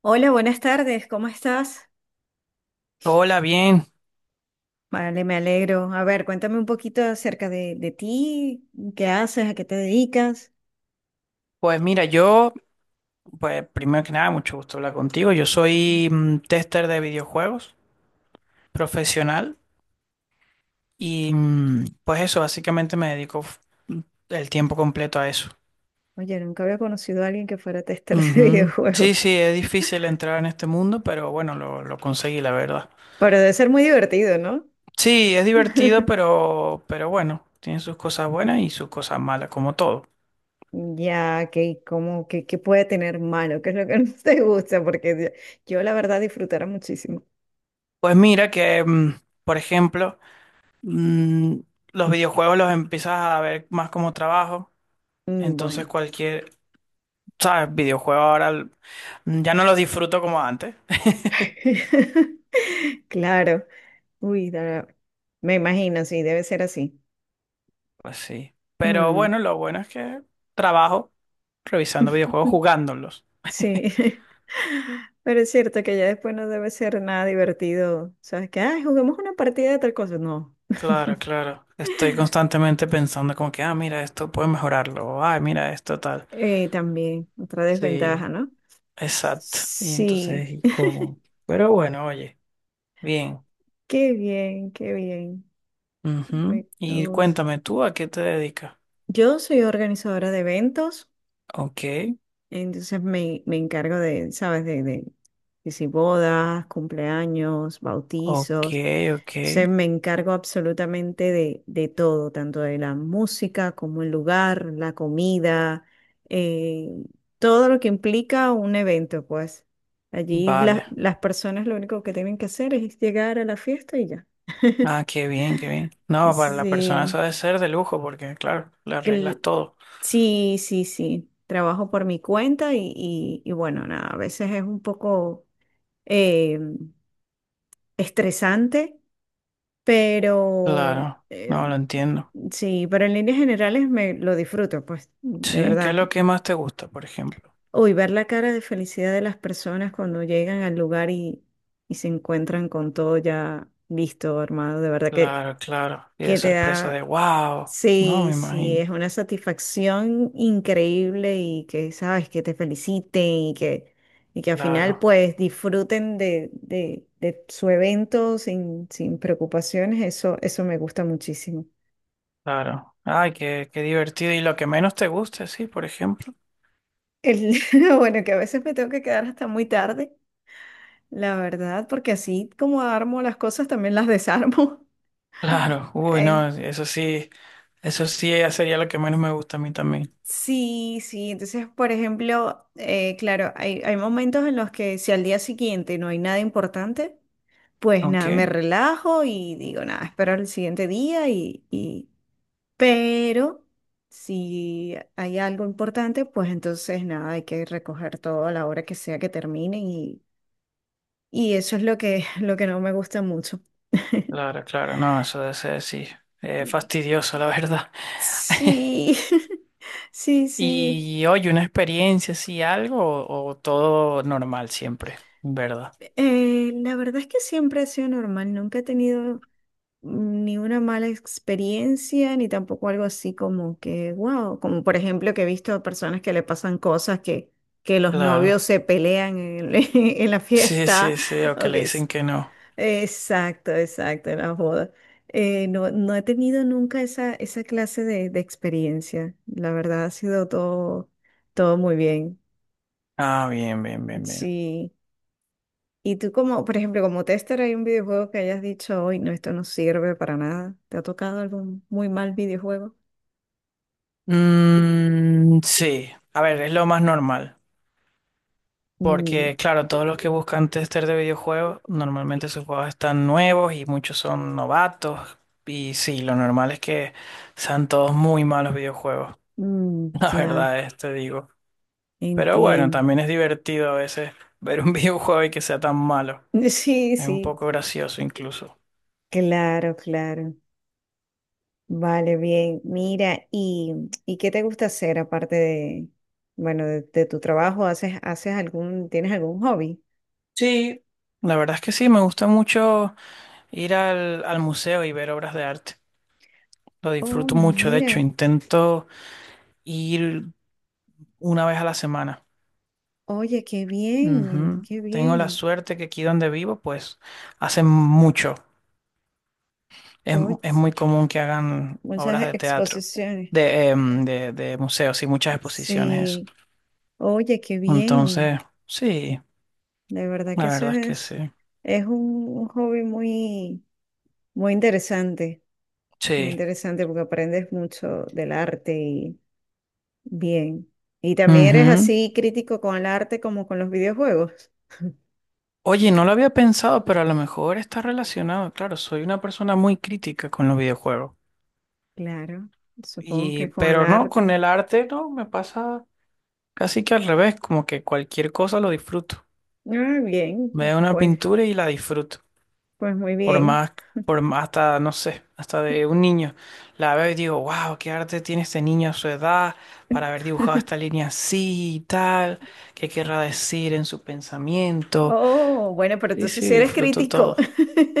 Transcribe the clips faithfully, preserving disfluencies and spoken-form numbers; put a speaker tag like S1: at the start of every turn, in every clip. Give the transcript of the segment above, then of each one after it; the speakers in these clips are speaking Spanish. S1: Hola, buenas tardes, ¿cómo estás?
S2: Hola, bien.
S1: Vale, me alegro. A ver, cuéntame un poquito acerca de, de ti, qué haces, a qué te dedicas.
S2: Pues mira, yo, pues primero que nada, mucho gusto hablar contigo. Yo soy mm, tester de videojuegos profesional y mm, pues eso, básicamente me dedico f- mm, el tiempo completo a eso.
S1: Oye, nunca había conocido a alguien que fuera tester de
S2: Ujú.
S1: videojuegos,
S2: Sí, sí, es difícil entrar en este mundo, pero bueno, lo, lo conseguí, la verdad.
S1: pero debe ser muy divertido, ¿no?
S2: Sí, es divertido, pero, pero bueno, tiene sus cosas buenas y sus cosas malas, como todo.
S1: Ya, que como que, que puede tener malo, qué es lo que no te gusta, porque yo la verdad disfrutara muchísimo.
S2: Pues mira que, mm, por ejemplo, mm, los videojuegos los empiezas a ver más como trabajo.
S1: Mm,
S2: Entonces
S1: Bueno,
S2: cualquier, ¿sabes? Videojuego ahora l- ya no lo disfruto como antes.
S1: claro. Uy, da- me imagino, sí, debe ser así.
S2: Pues sí. Pero
S1: Mm.
S2: bueno, lo bueno es que trabajo revisando videojuegos, jugándolos.
S1: Sí. Pero es cierto que ya después no debe ser nada divertido. ¿Sabes? Que ay, juguemos una partida de tal cosa. No.
S2: Claro, claro. Estoy constantemente pensando como que, ah, mira, esto puedo mejorarlo. O, ah, mira, esto tal.
S1: Eh, también, otra desventaja,
S2: Sí,
S1: ¿no?
S2: exacto. Y
S1: Sí.
S2: entonces, ¿y cómo? Pero bueno, oye, bien.
S1: Qué bien, qué bien.
S2: Ujú.
S1: Me
S2: Y
S1: gusta.
S2: cuéntame tú, ¿a qué te dedicas?
S1: Yo soy organizadora de eventos,
S2: Ok,
S1: entonces me, me encargo de, ¿sabes? De, de, de si bodas, cumpleaños,
S2: ok,
S1: bautizos.
S2: ok.
S1: Se me encargo absolutamente de, de todo, tanto de la música como el lugar, la comida, eh, todo lo que implica un evento, pues. Allí la-
S2: Vale.
S1: las personas lo único que tienen que hacer es llegar a la fiesta y ya.
S2: Ah, qué bien, qué bien. No, para la persona
S1: Sí,
S2: eso debe ser de lujo porque, claro, le
S1: cl-
S2: arreglas todo.
S1: sí, sí, sí. Trabajo por mi cuenta y, y- y bueno, nada, a veces es un poco eh, estresante. Pero
S2: Claro,
S1: eh,
S2: no lo entiendo.
S1: sí, pero en líneas generales me lo disfruto, pues, de
S2: Sí, ¿qué es
S1: verdad.
S2: lo que más te gusta, por ejemplo?
S1: Uy, ver la cara de felicidad de las personas cuando llegan al lugar y, y se encuentran con todo ya listo, armado, de verdad que,
S2: Claro, claro. Y de
S1: que te
S2: sorpresa
S1: da,
S2: de wow. No, me
S1: sí, sí,
S2: imagino.
S1: es una satisfacción increíble y que, sabes, que te feliciten y que, y que al final
S2: Claro,
S1: pues disfruten de, de, de su evento sin, sin preocupaciones, eso, eso me gusta muchísimo.
S2: claro. Ay, qué, qué divertido. Y lo que menos te gusta, sí, por ejemplo.
S1: El, bueno, que a veces me tengo que quedar hasta muy tarde, la verdad, porque así como armo las cosas, también las desarmo.
S2: Claro, uy,
S1: En-
S2: no, eso sí, eso sí sería lo que menos me gusta a mí también.
S1: sí, sí, entonces, por ejemplo, eh, claro, hay, hay momentos en los que si al día siguiente no hay nada importante, pues
S2: Ok,
S1: nada, me relajo y digo, nada, espero el siguiente día y, y... Pero si hay algo importante, pues entonces nada, hay que recoger todo a la hora que sea que terminen. Y eso es lo que, lo que no me gusta mucho.
S2: claro, claro. No, eso debe ser, sí, eh, fastidioso, la verdad.
S1: Sí, sí, sí.
S2: Y oye, una experiencia así, algo o, o todo normal siempre, ¿verdad?
S1: Eh, la verdad es que siempre ha sido normal, nunca he tenido ni una mala experiencia, ni tampoco algo así como que, wow, como por ejemplo que he visto a personas que le pasan cosas que, que los
S2: Claro.
S1: novios se pelean en, en la
S2: Sí,
S1: fiesta,
S2: sí, sí, o que
S1: o
S2: le
S1: que s-
S2: dicen que no.
S1: exacto, exacto, en la boda. Eh, no, no he tenido nunca esa, esa clase de, de experiencia. La verdad ha sido todo, todo muy bien.
S2: Ah, bien, bien, bien, bien.
S1: Sí. ¿Y tú como, por ejemplo, como tester hay un videojuego que hayas dicho, hoy no, esto no sirve para nada? ¿Te ha tocado algún muy mal videojuego?
S2: Mm, sí, a ver, es lo más normal.
S1: Mm,
S2: Porque, claro, todos los que buscan tester de videojuegos, normalmente sus juegos están nuevos y muchos son novatos. Y sí, lo normal es que sean todos muy malos videojuegos.
S1: mm,
S2: La
S1: ya,
S2: verdad es, te digo. Pero bueno,
S1: entiendo.
S2: también es divertido a veces ver un videojuego y que sea tan malo.
S1: Sí,
S2: Es un
S1: sí,
S2: poco gracioso incluso.
S1: claro, claro. Vale, bien. Mira, ¿y, y qué te gusta hacer aparte de, bueno, de, de tu trabajo? ¿Haces, haces algún, tienes algún hobby?
S2: Sí, la verdad es que sí, me gusta mucho ir al, al museo y ver obras de arte. Lo
S1: Oh,
S2: disfruto mucho, de hecho,
S1: mira,
S2: intento ir una vez a la semana.
S1: oye, qué bien,
S2: Ujú.
S1: qué
S2: Tengo la
S1: bien.
S2: suerte que aquí donde vivo, pues hacen mucho. Es,
S1: Oye,
S2: es muy común que hagan obras
S1: muchas
S2: de teatro,
S1: exposiciones.
S2: de, em, de, de museos y muchas exposiciones, eso.
S1: Sí, oye, qué bien.
S2: Entonces, sí.
S1: De verdad
S2: La
S1: que eso
S2: verdad es que
S1: es,
S2: sí.
S1: es un, un hobby muy, muy interesante, muy
S2: Sí.
S1: interesante porque aprendes mucho del arte. Bien. ¿Y también eres
S2: Ujú.
S1: así crítico con el arte como con los videojuegos?
S2: Oye, no lo había pensado, pero a lo mejor está relacionado. Claro, soy una persona muy crítica con los videojuegos.
S1: Claro, supongo
S2: Y,
S1: que con el
S2: pero no, con
S1: arte.
S2: el arte no, me pasa casi que al revés, como que cualquier cosa lo disfruto.
S1: Ah, bien,
S2: Veo una
S1: pues,
S2: pintura y la disfruto.
S1: pues muy
S2: Por
S1: bien.
S2: más, por más hasta, no sé, hasta de un niño. La veo y digo, wow, qué arte tiene este niño a su edad para haber dibujado esta línea así y tal. ¿Qué querrá decir en su pensamiento?
S1: Oh, bueno, pero
S2: Sí,
S1: entonces
S2: sí,
S1: si eres
S2: disfruto
S1: crítico.
S2: todo.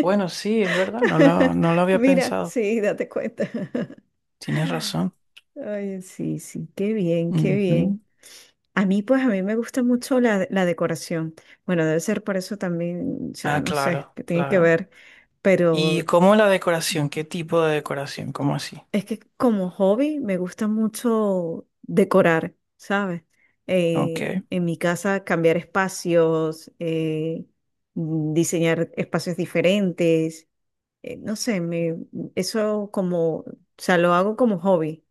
S2: Bueno, sí, es verdad, no lo, no lo había
S1: Mira,
S2: pensado.
S1: sí, date cuenta.
S2: Tienes razón.
S1: Ay, sí, sí, qué bien, qué
S2: Ujú.
S1: bien. A mí, pues, a mí me gusta mucho la, la decoración. Bueno, debe ser por eso también, o sea,
S2: Ah,
S1: no sé,
S2: claro,
S1: que tiene que
S2: claro.
S1: ver,
S2: ¿Y
S1: pero
S2: cómo la decoración? ¿Qué tipo de decoración? ¿Cómo así?
S1: es que como hobby me gusta mucho decorar, ¿sabes?
S2: Ok,
S1: Eh, en mi casa cambiar espacios, eh, mm, diseñar espacios diferentes, eh, no sé, me, eso como, o sea, lo hago como hobby.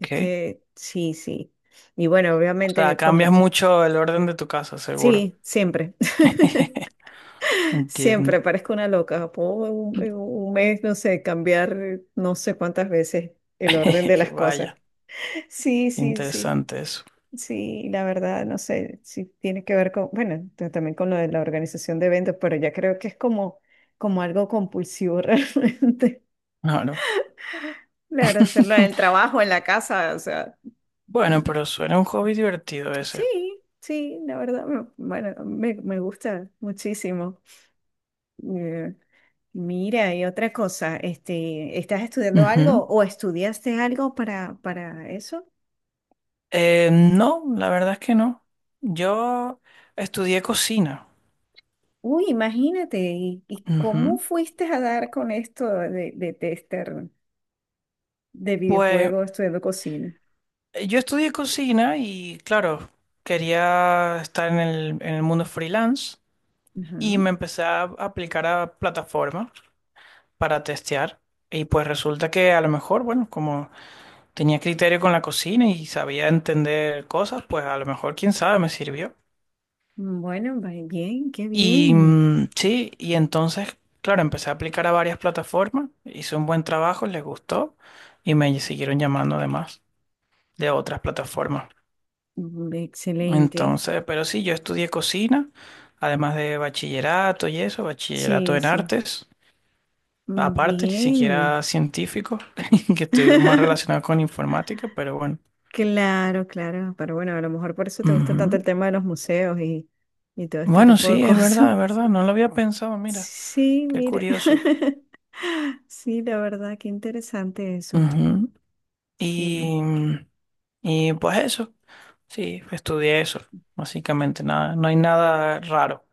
S1: Es que sí, sí. Y bueno,
S2: O sea,
S1: obviamente
S2: cambias
S1: como,
S2: mucho el orden de tu casa, seguro.
S1: sí, siempre,
S2: Entiendo.
S1: siempre parezco una loca. Puedo en un en un mes, no sé, cambiar eh, no sé cuántas veces el orden de las cosas.
S2: Vaya,
S1: Sí,
S2: qué
S1: sí, sí,
S2: interesante eso.
S1: sí, la verdad, no sé si tiene que ver con, bueno, t- también con lo de la organización de eventos, pero ya creo que es como, como algo compulsivo realmente.
S2: Claro.
S1: Claro, hacerlo en el trabajo, en la casa, o sea,
S2: Bueno,
S1: mm,
S2: pero suena un hobby divertido
S1: sí,
S2: ese.
S1: sí, la verdad, me- bueno, me, me gusta muchísimo. Eh, Mira, y otra cosa, este, ¿estás estudiando
S2: Ujú.
S1: algo o estudiaste algo para, para eso?
S2: Eh, no, la verdad es que no. Yo estudié cocina.
S1: Uy, imagínate, ¿y, y cómo
S2: Ujú.
S1: fuiste a dar con esto de, de tester de
S2: Pues
S1: videojuegos estudiando cocina?
S2: eh, yo estudié cocina y claro, quería estar en el, en el mundo freelance
S1: Ajá.
S2: y me empecé a aplicar a plataformas para testear. Y pues resulta que a lo mejor, bueno, como tenía criterio con la cocina y sabía entender cosas, pues a lo mejor, quién sabe, me sirvió.
S1: Bueno, va bien, qué
S2: Y
S1: bien.
S2: mm, sí, y entonces, claro, empecé a aplicar a varias plataformas, hice un buen trabajo, les gustó y me siguieron llamando además de otras plataformas.
S1: Mm, Excelente.
S2: Entonces, pero sí, yo estudié cocina, además de bachillerato y eso, bachillerato
S1: Sí,
S2: en
S1: sí.
S2: artes,
S1: Mm,
S2: aparte, ni
S1: bien.
S2: siquiera científico, que estoy más relacionado con informática, pero bueno.
S1: Claro, claro. Pero bueno, a lo mejor por eso te gusta tanto
S2: Ujú.
S1: el tema de los museos y, y todo este
S2: Bueno,
S1: tipo de
S2: sí, es
S1: cosas.
S2: verdad, es verdad, no lo había pensado, mira,
S1: Sí,
S2: qué
S1: mire.
S2: curioso.
S1: Sí, la verdad, qué interesante eso.
S2: Ujú.
S1: Sí.
S2: Y, y pues eso, sí, estudié eso, básicamente, nada, no hay nada raro.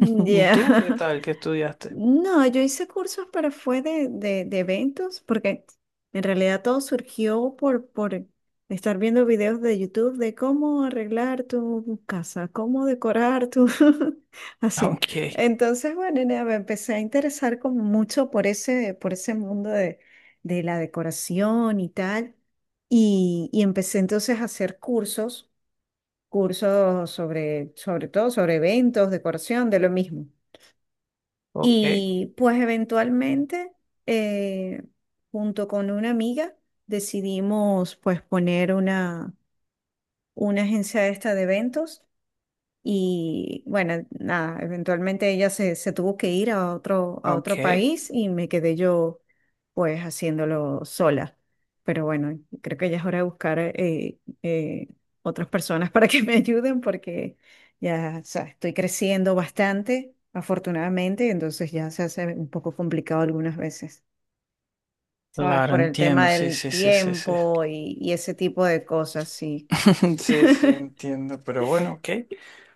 S2: ¿Y tú qué tal? ¿Qué estudiaste?
S1: No, yo hice cursos, pero fue de, de, de eventos, porque en realidad todo surgió por, por estar viendo videos de YouTube de cómo arreglar tu casa, cómo decorar tu así.
S2: Ok,
S1: Entonces, bueno, nada, me empecé a interesar como mucho por ese, por ese mundo de, de la decoración y tal. Y, y empecé entonces a hacer cursos, cursos sobre, sobre todo sobre eventos, decoración, de lo mismo.
S2: ok,
S1: Y pues eventualmente, eh, junto con una amiga, decidimos pues poner una, una agencia esta de eventos y bueno, nada, eventualmente ella se, se tuvo que ir a otro, a otro
S2: ok.
S1: país y me quedé yo pues haciéndolo sola. Pero bueno, creo que ya es hora de buscar eh, eh, otras personas para que me ayuden porque ya, o sea, estoy creciendo bastante, afortunadamente, entonces ya se hace un poco complicado algunas veces, ¿sabes?
S2: Claro,
S1: Por el
S2: entiendo,
S1: tema
S2: sí,
S1: del
S2: sí, sí, sí, sí.
S1: tiempo y, y ese tipo de cosas, sí.
S2: Sí, sí, entiendo, pero bueno, ok.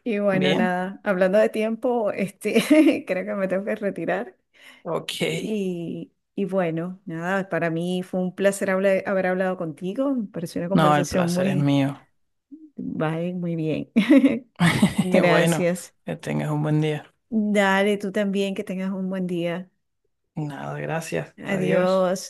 S1: Y bueno,
S2: Bien,
S1: nada, hablando de tiempo, este, creo que me tengo que retirar.
S2: ok.
S1: Y, y bueno, nada, para mí fue un placer habla- haber hablado contigo. Me pareció una
S2: No, el
S1: conversación
S2: placer es
S1: muy,
S2: mío.
S1: bye, muy bien.
S2: Bueno,
S1: Gracias.
S2: que tengas un buen día.
S1: Dale, tú también, que tengas un buen día.
S2: Nada, gracias. Adiós.
S1: Adiós.